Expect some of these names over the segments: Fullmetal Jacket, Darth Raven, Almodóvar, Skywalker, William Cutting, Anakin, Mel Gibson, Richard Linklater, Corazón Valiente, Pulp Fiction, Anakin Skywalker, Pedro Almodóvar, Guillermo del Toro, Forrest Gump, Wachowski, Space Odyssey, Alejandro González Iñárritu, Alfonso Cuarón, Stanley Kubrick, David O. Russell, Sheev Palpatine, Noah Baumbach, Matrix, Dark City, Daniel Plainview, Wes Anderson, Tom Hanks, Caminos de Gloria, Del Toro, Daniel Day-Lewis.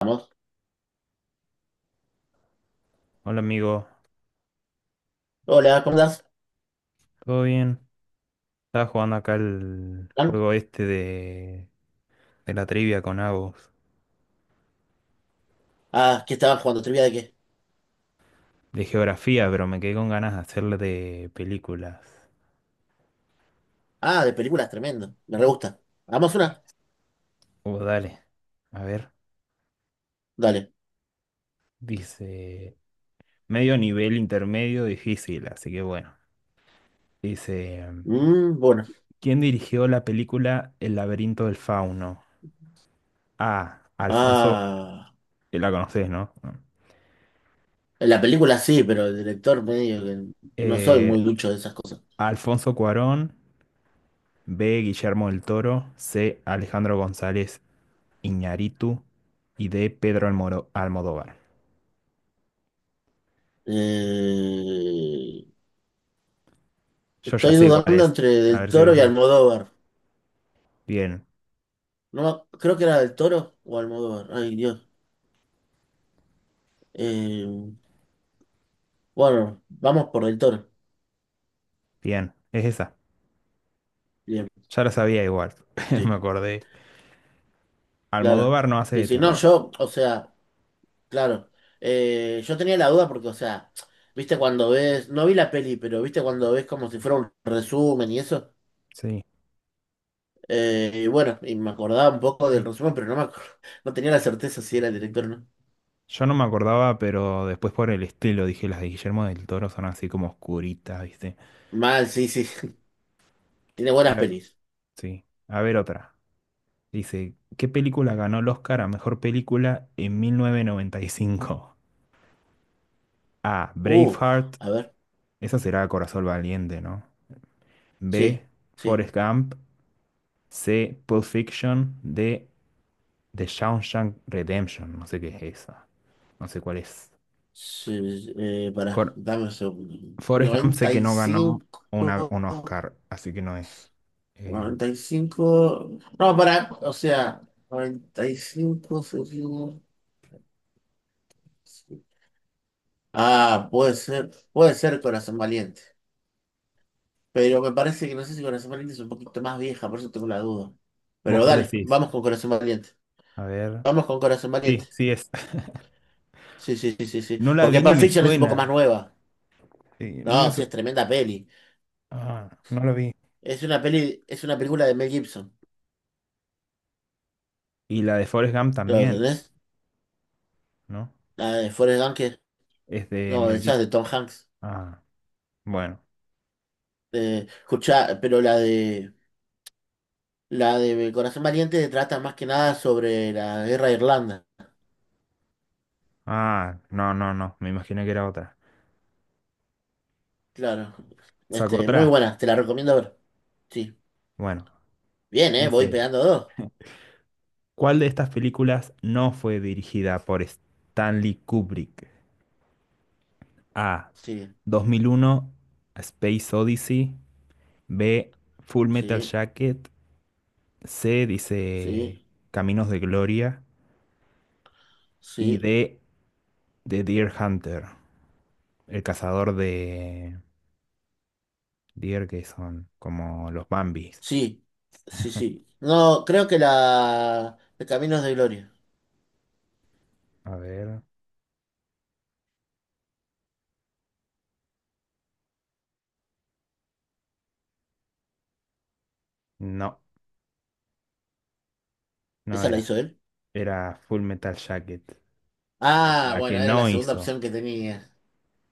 Vamos. Hola amigo, Hola, ¿cómo estás? ¿todo bien? Estaba jugando acá el ¿Tan? juego este de la trivia con Agus, Ah, ¿qué estaban jugando? ¿Trivia de qué? de geografía, pero me quedé con ganas de hacerle de películas. Ah, de películas, tremendo. Me re gusta. ¿Hagamos una? Oh, dale. A ver, Dale. dice medio nivel intermedio difícil, así que bueno. Dice, Bueno. ¿quién dirigió la película El laberinto del fauno? A. Alfonso, Ah, la conoces, ¿no? la película sí, pero el director medio que no soy Eh, muy ducho de esas cosas. Alfonso Cuarón. B. Guillermo del Toro. C. Alejandro González Iñárritu y de Pedro Almodóvar. Eh, Yo ya estoy sé cuál dudando es. entre A Del ver si Toro vos y la... Almodóvar. Bien, No, creo que era Del Toro o Almodóvar. Ay, Dios. Eh, bueno, vamos por Del Toro. bien. Es esa. Bien, Ya la sabía igual. Me sí, acordé. claro. Almodóvar no hace Sí, de sí, no, terror. yo, o sea. Claro. Yo tenía la duda porque, o sea, viste cuando ves, no vi la peli, pero viste cuando ves como si fuera un resumen y eso. Sí. Y bueno, y me acordaba un poco del resumen, pero no me acuerdo, no tenía la certeza si era el director o no. Yo no me acordaba, pero después por el estilo dije, las de Guillermo del Toro son así como oscuritas, ¿viste? Mal, sí, sí, tiene A buenas ver, pelis. sí. A ver otra. Dice, ¿qué película ganó el Oscar a mejor película en 1995? A. Uh, Braveheart. a ver, Esa será Corazón Valiente, ¿no? B. sí, sí, Forrest Gump. C. Pulp Fiction. D. The Shawshank Redemption. No sé qué es esa. No sé cuál es. sí, Cor pará, dame un segundo. Forrest Gump sé Noventa que y no ganó cinco. un Oscar, así que no es. Eh, Noventa y cinco, no, pará, o sea, 95. Ah, puede ser Corazón Valiente. Pero me parece que no sé si Corazón Valiente es un poquito más vieja, por eso tengo la duda. ¿Vos Pero cuál dale, decís? vamos con Corazón Valiente. A ver. Vamos con Corazón Valiente. Sí, sí es. Sí, sí, sí, sí, sí. No la Porque vi ni Pulp me Fiction es un suena. poco más nueva. Sí. No, sí, es tremenda peli. Ah, no la vi. Es una peli, es una película de Mel Gibson. Y la de Forrest Gump ¿Lo también, entendés? ¿no? La de Forrest Gump, Es de no, Mel esa es Gibson. de Tom Hanks. Ah, bueno. Escuchá, pero la de Corazón Valiente trata más que nada sobre la guerra de Irlanda. Ah, no, no, no. Me imaginé que era otra. Claro. Sacó Este, muy otra. buena, te la recomiendo ver. Sí. Bueno. Bien, ¿eh? Voy Dice. pegando dos. ¿Cuál de estas películas no fue dirigida por Stanley Kubrick? A. Sí, 2001, A Space Odyssey. B. Full Metal sí, Jacket. C. Dice sí, Caminos de Gloria. Y sí, D. The Deer Hunter, el cazador de deer que son como los Bambis. sí, sí, sí. No, creo que la de Caminos de Gloria. A ver. No, no ¿Esa la era. hizo él? Era Full Metal Jacket. La Ah, la bueno, que era la no segunda hizo. opción que tenía.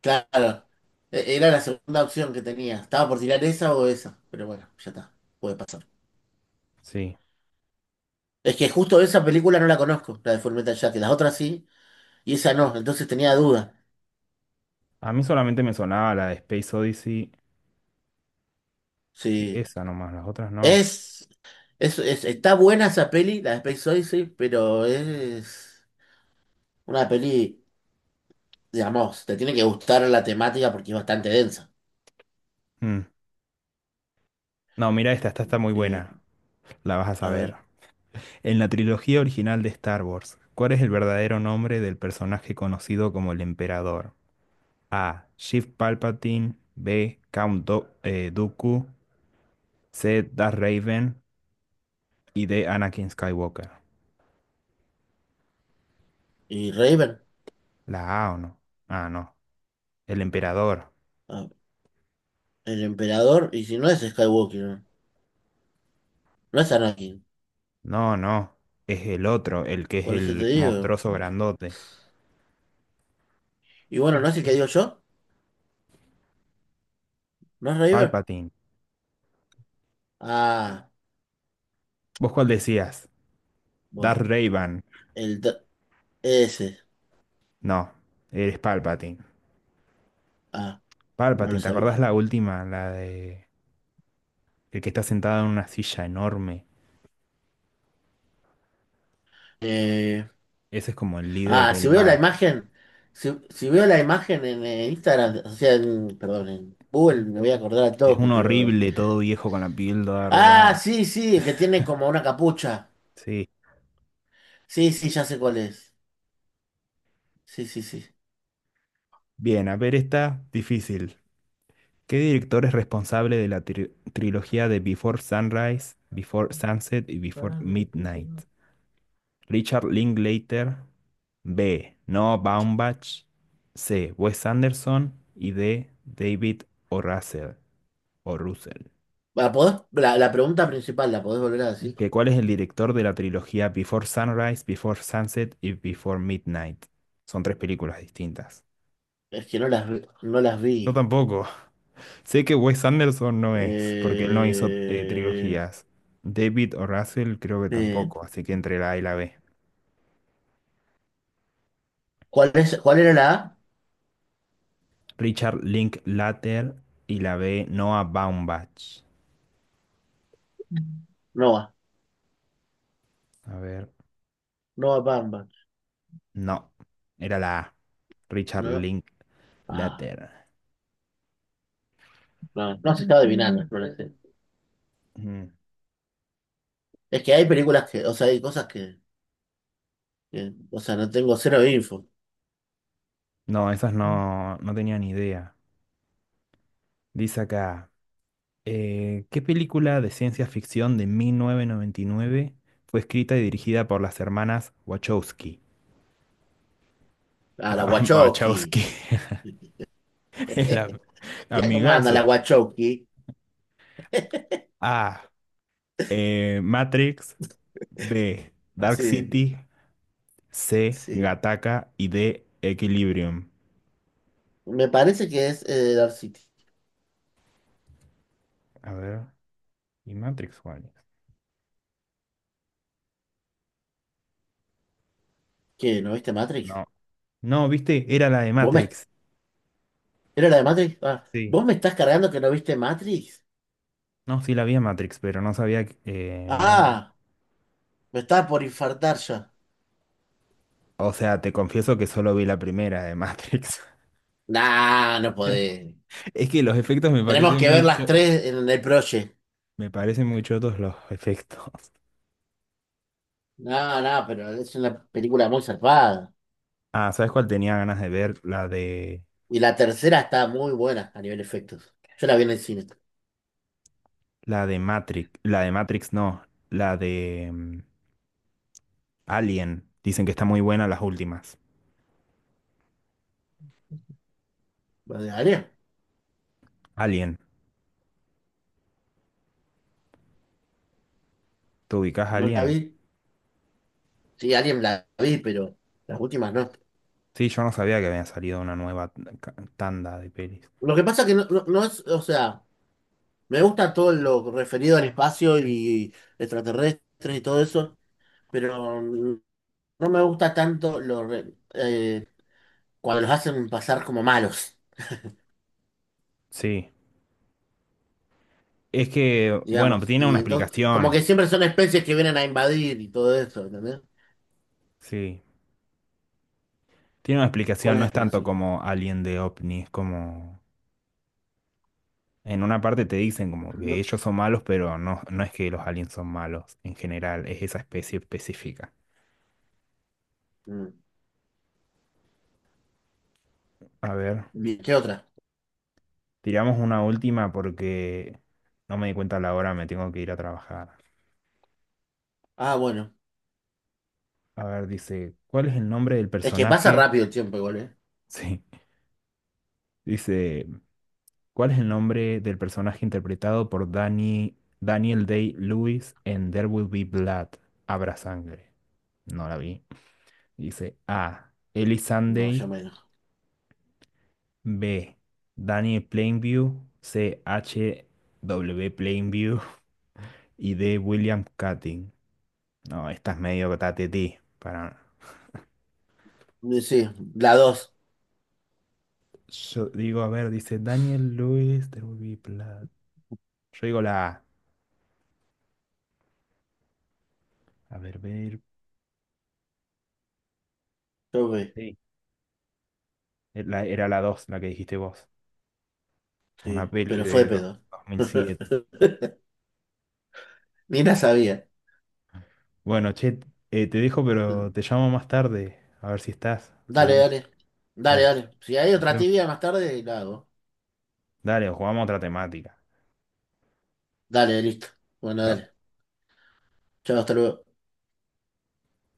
Claro. Era la segunda opción que tenía. Estaba por tirar esa o esa. Pero bueno, ya está. Puede pasar. Sí. Es que justo esa película no la conozco, la de Fullmetal Jacket. Las otras sí, y esa no. Entonces tenía duda. A mí solamente me sonaba la de Space Odyssey. Sí, Sí. esa nomás, las otras no. Es. Está buena esa peli, la de Space Odyssey, pero es una peli, digamos, te tiene que gustar la temática porque es bastante densa. Mm. No, mira esta está muy Y, buena. La vas a a saber. ver, En la trilogía original de Star Wars, ¿cuál es el verdadero nombre del personaje conocido como el Emperador? A. Sheev Palpatine. B. Count Dooku. C. Darth Raven. Y D. Anakin Skywalker. y Raven. ¿La A o no? Ah, no. El Emperador. Ah, el emperador, y si no es Skywalker, no. No es Anakin, No, no. Es el otro, el que es por eso te el digo. monstruoso grandote. Y bueno, ¿no es el que digo yo? ¿No es Raven? Palpatine. Ah, ¿Vos cuál decías? Darth bueno, Raven. el, dr- ese, No, eres Palpatine. ah, no lo Palpatine, ¿te acordás sabía. la última? La de el que está sentado en una silla enorme. Eh, Ese es como el líder Ah, si del veo la mal. imagen, si veo la imagen en Instagram, o sea, en, perdón, en Google, me voy a acordar al Es toque, un pero... horrible, todo viejo con la piel toda Ah, arrugada. sí, sí, el que tiene como una capucha. Sí. Sí, sí, ya sé cuál es. Sí, sí, sí. Bien, a ver, está difícil. ¿Qué director es responsable de la trilogía de Before Sunrise, Before Sunset y Before Midnight? Richard Linklater. B. Noah Baumbach. C. Wes Anderson. Y D. David O. Russell. O Russell, La la pregunta principal, la podés volver a decir? que cuál es el director de la trilogía Before Sunrise, Before Sunset y Before Midnight. Son tres películas distintas. Es que no las, no las Yo vi. tampoco. Sé que Wes Anderson no es, porque él no hizo Eh, trilogías. David o Russell creo que eh, tampoco, así que entre la A y la B. ¿Cuál es, cuál era la A? Richard Linklater y la B Noah Baumbach. Nova, A ver, Nova Bamba. no, era la A. Richard No, ah, Linklater. no, no se está adivinando, no lo sé. Mm. Es que hay películas que, o sea, hay cosas que... Bien. O sea, no tengo cero info. No, esas no, no tenía ni idea. Dice acá. ¿Qué película de ciencia ficción de 1999 fue escrita y dirigida por las hermanas Wachowski? Ah, la Ah, Wachowski. Wachowski, el ¿Ya cómo anda la amigazo. Wachowski? A. Matrix. B. Dark Sí, City. C. sí. Gattaca. Y D. Equilibrium. Me parece que es Dark City. A ver. ¿Y Matrix cuál es? ¿Qué? ¿No viste Matrix? No. No, viste, era la de ¿Vos me... Matrix. ¿Era la de Matrix? Ah, Sí. ¿vos me estás cargando que no viste Matrix? No, sí la vi a Matrix, pero no sabía que... no. Ah, me estaba por infartar ya. O sea, te confieso que solo vi la primera de Matrix. Nah, no podés. Es que los efectos me Tenemos parecen que ver muy las cho- tres en el proye. me parecen muy chotos los efectos. No, no, pero es una película muy zarpada. Ah, ¿sabes cuál tenía ganas de ver? La de Y la tercera está muy buena a nivel efectos. Yo la vi en el cine. la de Matrix, la de Matrix no, la de Alien. Dicen que está muy buena las últimas. ¿Vale? Alien, ¿te ubicás ¿No la Alien? vi? Sí, alguien la vi, pero las últimas no. Sí, yo no sabía que había salido una nueva tanda de pelis. Lo que pasa que no, no, no es, o sea, me gusta todo lo referido al espacio y extraterrestres y todo eso, pero no me gusta tanto lo, cuando los hacen pasar como malos, Sí, es que bueno, digamos. tiene una Y entonces, como explicación. que siempre son especies que vienen a invadir y todo eso, ¿entendés? Sí, tiene una ¿Cuál explicación, es no la es tanto explicación? como Alien de OVNI, es como en una parte te dicen como que No- ellos son malos, pero no, no es que los aliens son malos en general, es esa especie específica. mm, A ver, bien, ¿qué otra? tiramos una última porque no me di cuenta la hora, me tengo que ir a trabajar. Ah, bueno. A ver, dice, ¿cuál es el nombre del Es que pasa personaje? rápido el tiempo igual, ¿eh? Sí, dice, ¿cuál es el nombre del personaje interpretado por Daniel Day-Lewis en There Will Be Blood? Habrá sangre. No la vi. Dice A. Ellie No, yo Sunday. menos. B. Daniel Plainview. C. H. W. Plainview. Y D. William Cutting. No, esta es medio tatetí. Para... Sí, la dos. Yo digo, a ver, dice Daniel Lewis, there will be blood. Yo digo la A. A ver. Yo, Sí. Era la 2, la que dijiste vos. Una sí, peli pero fue de de pedo. 2007. Ni la sabía. Bueno, che, te dejo, pero te llamo más tarde. A ver si estás. Dale, Seguimos. dale. Dale, Dale. dale. Si hay Nos otra vemos. tibia más tarde, la hago. Dale, jugamos otra temática. Dale, listo. Bueno, dale. Chao. Chao, hasta luego.